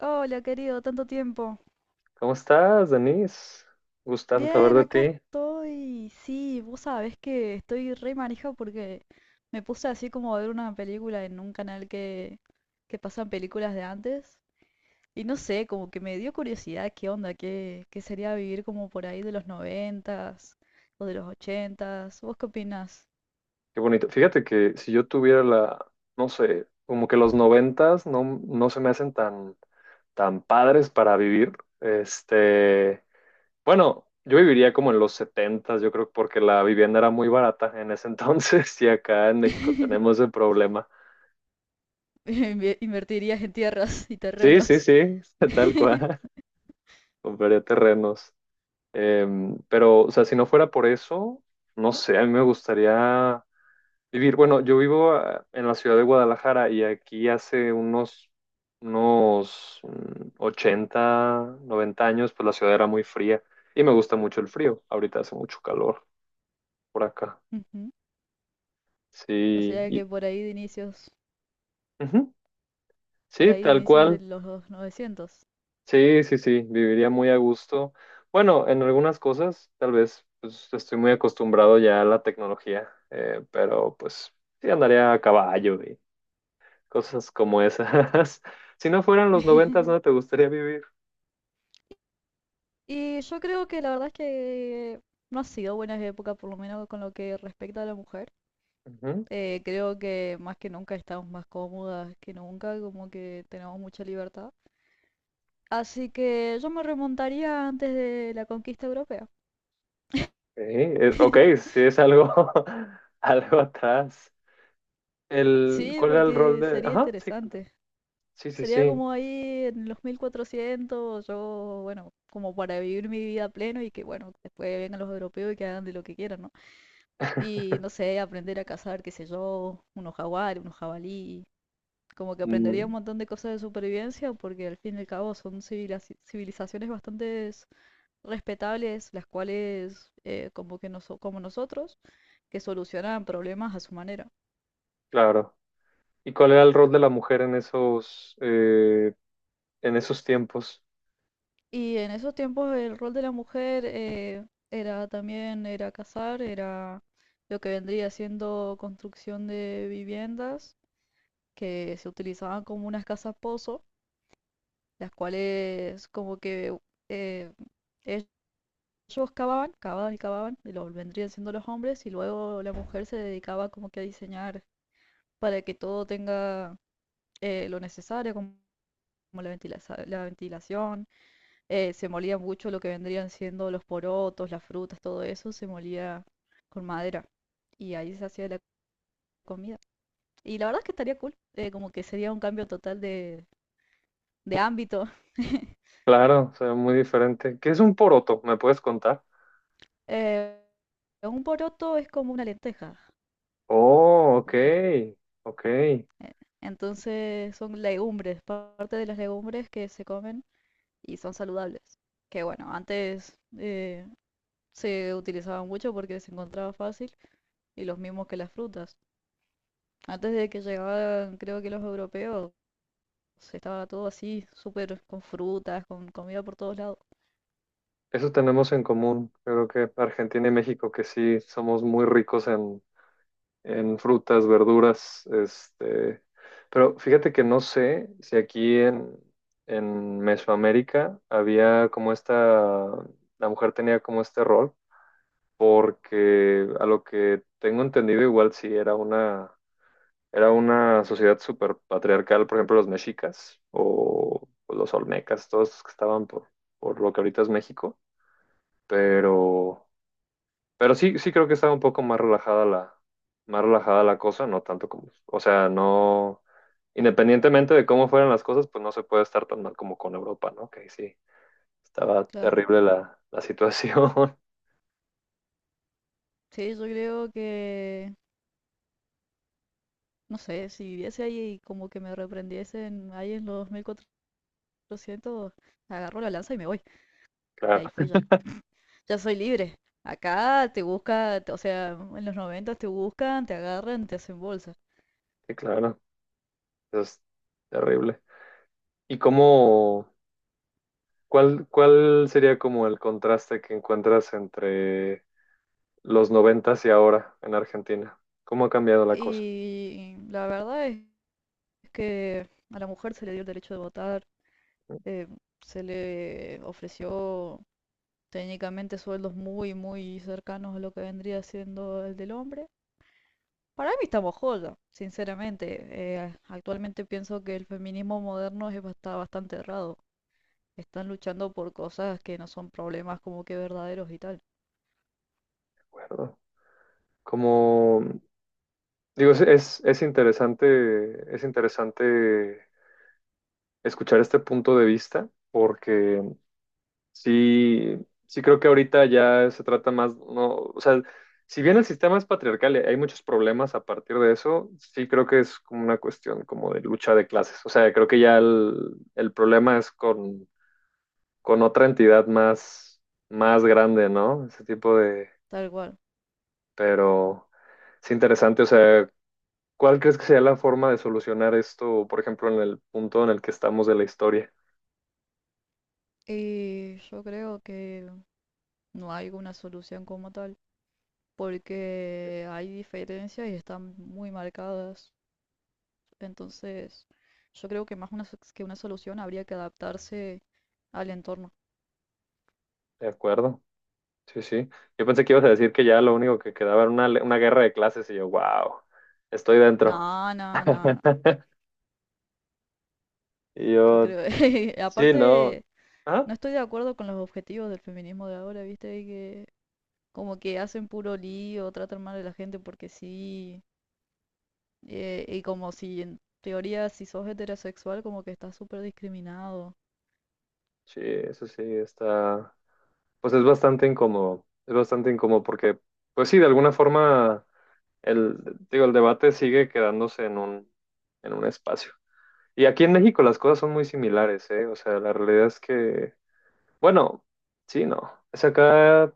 Hola, querido, tanto tiempo. ¿Cómo estás, Denise? Gustazo saber Bien, de acá ti. estoy. Sí, vos sabés que estoy re manija porque me puse así como a ver una película en un canal que pasan películas de antes. Y no sé, como que me dio curiosidad qué onda, qué sería vivir como por ahí de los noventas o de los ochentas. ¿Vos qué opinás? Qué bonito. Fíjate que si yo tuviera no sé, como que los noventas no se me hacen tan padres para vivir. Este, bueno, yo viviría como en los setentas, yo creo, porque la vivienda era muy barata en ese entonces y acá en México tenemos ese problema. Invertirías en tierras y Sí, sí, terrenos. sí, tal cual. Compraría terrenos. Pero, o sea, si no fuera por eso, no sé, a mí me gustaría. Vivir, bueno, yo vivo en la ciudad de Guadalajara, y aquí hace unos 80, 90 años, pues la ciudad era muy fría y me gusta mucho el frío. Ahorita hace mucho calor por acá. Ujú. O Sí, sea que por ahí de inicios, ujú. por Sí, ahí de tal inicios de cual. los 900. Sí, sí, sí, viviría muy a gusto. Bueno, en algunas cosas, tal vez, pues estoy muy acostumbrado ya a la tecnología, pero pues sí andaría a caballo, cosas como esas. Si no fueran los noventas, no te gustaría vivir. Y yo creo que la verdad es que no ha sido buena época, por lo menos con lo que respecta a la mujer. Ujú. Creo que más que nunca estamos más cómodas que nunca, como que tenemos mucha libertad. Así que yo me remontaría antes de la conquista europea. Sí, ok, sí es algo, algo atrás. Sí, ¿Cuál era el rol porque de...? sería Ajá, sí, cuéntame. interesante. Sí, sí, Sería sí. como ahí en los 1400 yo, bueno, como para vivir mi vida a pleno y que, bueno, después vengan los europeos y que hagan de lo que quieran, ¿no? Y no sé, aprender a cazar, qué sé yo, unos jaguares, unos jabalí. Como que Mm, aprendería un montón de cosas de supervivencia porque al fin y al cabo son civilizaciones bastante respetables, las cuales, como que como nosotros, que solucionan problemas a su manera. claro. ¿Y cuál era el rol de la mujer en esos tiempos? Y en esos tiempos el rol de la mujer era también, era cazar, era lo que vendría siendo construcción de viviendas que se utilizaban como unas casas pozo las cuales como que eh, ellos cavaban, cavaban y cavaban, y lo vendrían siendo los hombres, y luego la mujer se dedicaba como que a diseñar para que todo tenga lo necesario, como como la ventilación, se molía mucho lo que vendrían siendo los porotos, las frutas, todo eso, se molía con madera, y ahí se hacía la comida. Y la verdad es que estaría cool, como que sería un cambio total de ámbito. Claro, o sea, muy diferente. ¿Qué es un poroto? ¿Me puedes contar? Eh, un poroto es como una lenteja. Oh, ok, Una len- ok. eh, Entonces son legumbres, parte de las legumbres que se comen y son saludables. Que bueno, antes se utilizaban mucho porque se encontraba fácil y los mismos que las frutas. Antes de que llegaran, creo que los europeos, estaba todo así, súper con frutas, con comida por todos lados. Eso tenemos en común. Creo que Argentina y México, que sí, somos muy ricos en frutas, verduras, este, pero fíjate que no sé si aquí en Mesoamérica había como esta, la mujer tenía como este rol, porque a lo que tengo entendido, igual sí era una sociedad súper patriarcal, por ejemplo los mexicas o los olmecas, todos los que estaban por lo que ahorita es México, pero... Pero sí, sí creo que estaba un poco más relajada la cosa, no tanto como, o sea, no, independientemente de cómo fueran las cosas, pues no se puede estar tan mal como con Europa, ¿no? Que ahí sí, estaba Claro. terrible la situación. Sí, yo creo que no sé, si viviese ahí y como que me reprendiesen ahí en los 1400, lo siento, agarro la lanza y me voy. Y Claro, ahí fui ya. Ya soy libre. Acá te busca, o sea, en los 90 te buscan, te agarran, te hacen bolsa. sí, claro, eso es terrible. ¿Y cuál sería como el contraste que encuentras entre los noventas y ahora en Argentina? ¿Cómo ha cambiado la cosa? Y la verdad es que a la mujer se le dio el derecho de votar, eh, se le ofreció técnicamente sueldos muy, muy cercanos a lo que vendría siendo el del hombre. Para mí estamos joya, sinceramente. Actualmente pienso que el feminismo moderno es está bastante errado. Están luchando por cosas que no son problemas como que verdaderos y tal. ¿De acuerdo? ¿Cómo? Digo, es interesante escuchar este punto de vista, porque sí, sí creo que ahorita ya se trata más, no, o sea, si bien el sistema es patriarcal y hay muchos problemas a partir de eso, sí creo que es como una cuestión como de lucha de clases. O sea, creo que ya el problema es con otra entidad más grande, ¿no? Ese tipo de... Tal cual. Pero es interesante, o sea, ¿cuál crees que sea la forma de solucionar esto, por ejemplo, en el punto en el que estamos de la historia? Y yo creo que no hay una solución como tal, porque hay diferencias y están muy marcadas. Entonces, yo creo que más una, que una solución habría que adaptarse al entorno. ¿De acuerdo? Sí, sí. Yo pensé que ibas a decir que ya lo único que quedaba era una guerra de clases y yo, wow, estoy dentro. No, no, no, no. Y Yo yo, creo, sí, no. aparte, Ah, no estoy de acuerdo con los objetivos del feminismo de ahora, ¿viste? Que como que hacen puro lío, tratan mal a la gente porque sí. Y como si en teoría si sos heterosexual como que estás súper discriminado. sí, eso sí, está. Pues es bastante incómodo. Es bastante incómodo porque, pues sí, de alguna forma, el, digo, el debate sigue quedándose en un espacio. Y aquí en México las cosas son muy similares, ¿eh? O sea, la realidad es que... Bueno, sí, no. Es acá,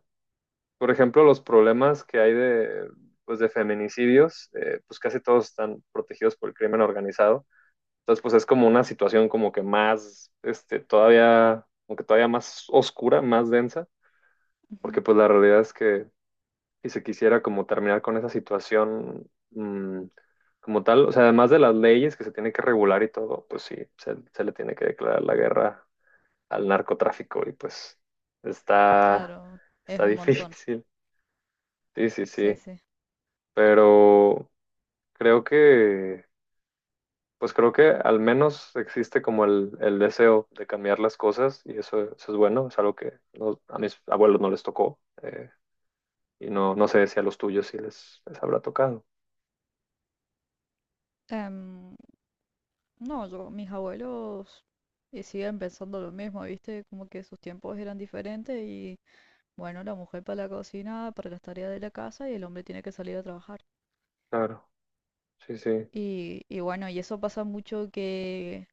por ejemplo, los problemas que hay pues, de feminicidios, pues casi todos están protegidos por el crimen organizado. Entonces, pues es como una situación como que más, este, todavía, como que todavía más oscura, más densa, porque Ujú. pues la realidad es que si se quisiera como terminar con esa situación, como tal, o sea, además de las leyes que se tiene que regular y todo, pues sí, se le tiene que declarar la guerra al narcotráfico y pues está, Claro, es está un montón. difícil. Sí, sí, Sí, sí. sí. Pero creo que, pues creo que al menos existe como el deseo de cambiar las cosas, y eso es bueno, es algo que a mis abuelos no les tocó, y no, no sé si a los tuyos sí les habrá tocado. Em, no, yo, mis abuelos siguen pensando lo mismo, ¿viste? Como que sus tiempos eran diferentes y bueno, la mujer para la cocina, para las tareas de la casa y el hombre tiene que salir a trabajar. Claro, sí, sí. Y bueno, y eso pasa mucho que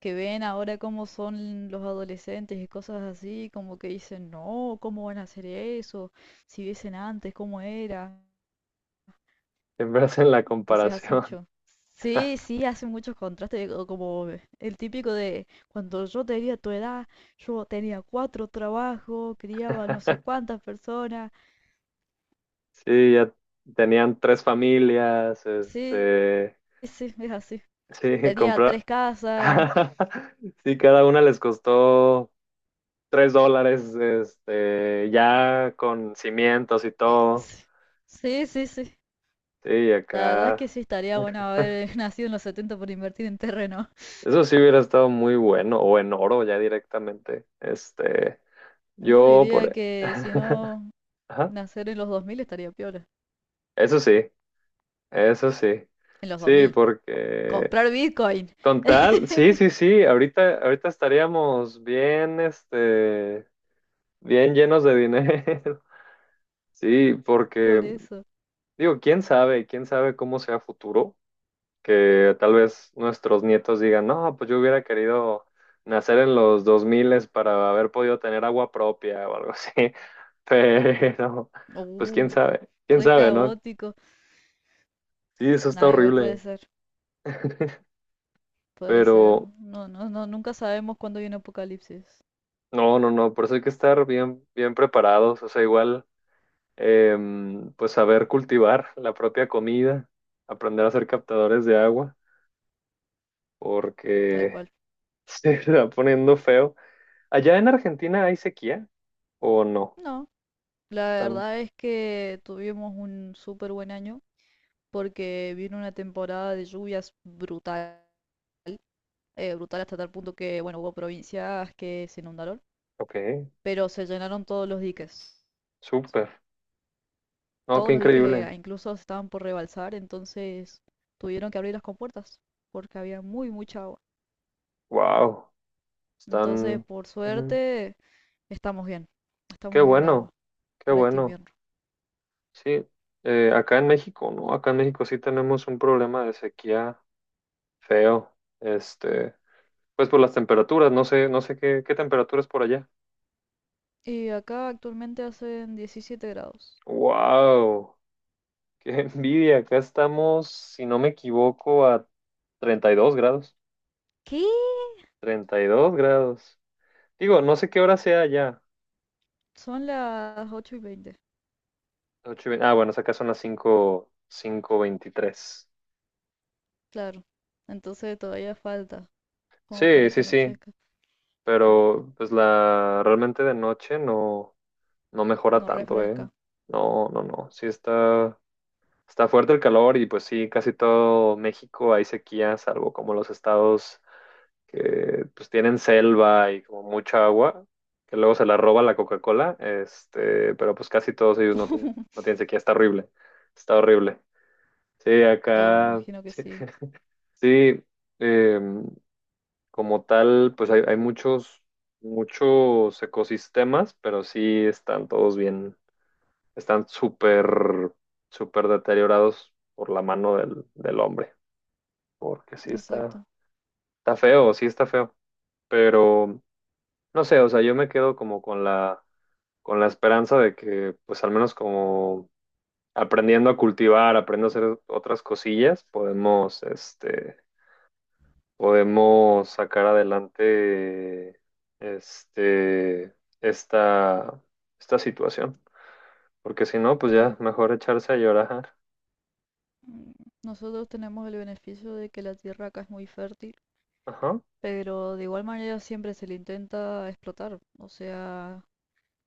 que ven ahora cómo son los adolescentes y cosas así, como que dicen, no, ¿cómo van a hacer eso? Si viesen antes, ¿cómo era? Siempre hacen la Entonces hace comparación. mucho. Sí, sí, hace muchos contrastes, o como el típico de cuando yo tenía tu edad, yo tenía cuatro trabajos, criaba no sé cuántas personas. Sí, ya tenían tres familias, Sí, este, sí, es así. sí, Tenía tres comprar. casas. Sí, cada una les costó $3, este, ya con cimientos y eh, todo. Sí, sí, sí, sí. Sí, La verdad es acá. que sí estaría bueno haber nacido en los 70 por invertir en terreno. Eso sí hubiera estado muy bueno, o en oro ya directamente. Este, Yo yo diría por... que si no Ajá. nacer en los 2000 estaría piola. Eso sí, eso sí. En los dos Sí, mil porque comprar Bitcoin. con tal, sí, sí, sí, ahorita, ahorita estaríamos bien, este, bien llenos de dinero. Sí, Por porque eso. digo, quién sabe cómo sea futuro, que tal vez nuestros nietos digan, no, pues yo hubiera querido nacer en los 2000 para haber podido tener agua propia o algo así, pero pues Uh, quién re sabe, ¿no? caótico. Sí, eso está Nah, igual puede horrible, ser. Puede ser. pero No, no, no. Nunca sabemos cuándo viene apocalipsis. no, no, no, por eso hay que estar bien, bien preparados, o sea, igual, pues saber cultivar la propia comida, aprender a ser captadores de agua, Tal porque cual. se está poniendo feo. ¿Allá en Argentina hay sequía o no? No. La Están, verdad es que tuvimos un súper buen año porque vino una temporada de lluvias brutal. Brutal hasta tal punto que, bueno, hubo provincias que se inundaron, ok, pero se llenaron todos los diques. súper. No, qué Todos los diques increíble. incluso estaban por rebalsar, entonces tuvieron que abrir las compuertas porque había muy mucha agua. Wow, Entonces, están, por ujú. suerte, estamos bien, Qué estamos bien de agua bueno, qué para este bueno. invierno. Sí, acá en México, ¿no? Acá en México sí tenemos un problema de sequía feo. Este, pues por las temperaturas, no sé qué temperaturas por allá. Y acá actualmente hacen 17 grados. Wow, qué envidia. Acá estamos, si no me equivoco, a 32 grados. ¿Qué? 32 grados. Digo, no sé qué hora sea allá. Son las 8:20. Ah, bueno, acá son las cinco veintitrés. Claro. Entonces todavía falta como para Sí, que sí, sí, anochezca, pero pues la realmente de noche no mejora no tanto, ¿eh? refresca. No, no, no, sí está fuerte el calor, y pues sí, casi todo México hay sequía, salvo como los estados que pues tienen selva y como mucha agua, que luego se la roba la Coca-Cola, este, pero pues casi todos ellos no tienen, no tienen sequía. Está horrible, está horrible. Sí, Oh, me acá... imagino que sí. sí, Sí, em, como tal, pues hay muchos, muchos ecosistemas, pero sí están todos bien, están súper, súper deteriorados por la mano del hombre, porque sí está, exacto, está feo, sí está feo, pero no sé, o sea, yo me quedo como con la esperanza de que, pues al menos como aprendiendo a cultivar, aprendiendo a hacer otras cosillas, podemos, este, podemos sacar adelante este, esta, esta situación. Porque si no, pues ya claro. mejor echarse a llorar. Mm, Nosotros tenemos el beneficio de que la tierra acá es muy fértil, Ajá. pero de igual manera siempre se le intenta explotar. O sea,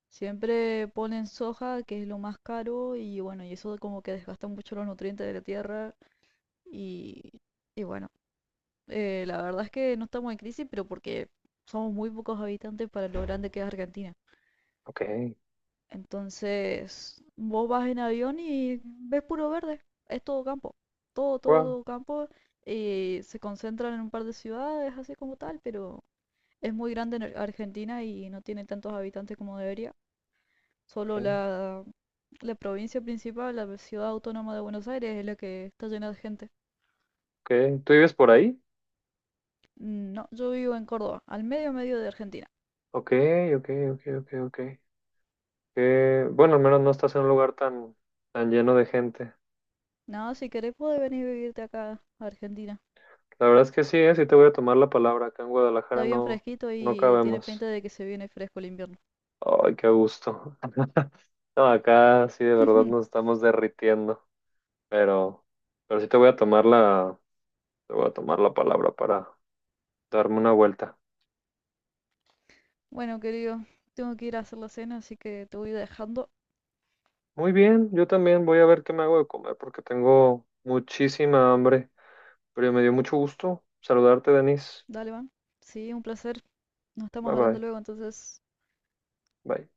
siempre ponen soja, que es lo más caro, y bueno, y eso como que desgasta mucho los nutrientes de la tierra. Y, y bueno, la verdad es que no estamos en crisis, pero porque somos muy pocos habitantes para lo grande que es Argentina. Ok. Entonces, vos vas en avión y ves puro verde, es todo campo, todo, todo, Wow. todo campo. Y se concentran en un par de ciudades, así como tal, pero es muy grande en Argentina y no tiene tantos habitantes como debería. Solo Ok. la, la provincia principal, la ciudad autónoma de Buenos Aires, es la que está llena de gente. Ok. ¿Tú vives por ahí? No, yo vivo en Córdoba, al medio medio de Argentina. Ok, ok, ok, ok, ok. Bueno, al menos no estás en un lugar tan lleno de gente. Nada, si querés puedes venir a vivirte acá a Argentina. La verdad es que sí, sí te voy a tomar la palabra. Acá en Está Guadalajara bien no, fresquito no y tiene cabemos. pinta de que se viene fresco el invierno. Ay, qué gusto. No, acá sí de verdad nos estamos derritiendo. pero, pero sí te voy a tomar la palabra para darme una vuelta. Bueno, querido, tengo que ir a hacer la cena, así que te voy dejando. Muy bien, yo también voy a ver qué me hago de comer porque tengo muchísima hambre, pero me dio mucho gusto saludarte, Denise. Dale, van. Sí, un placer. Nos estamos Bye hablando bye. luego, entonces. Bye.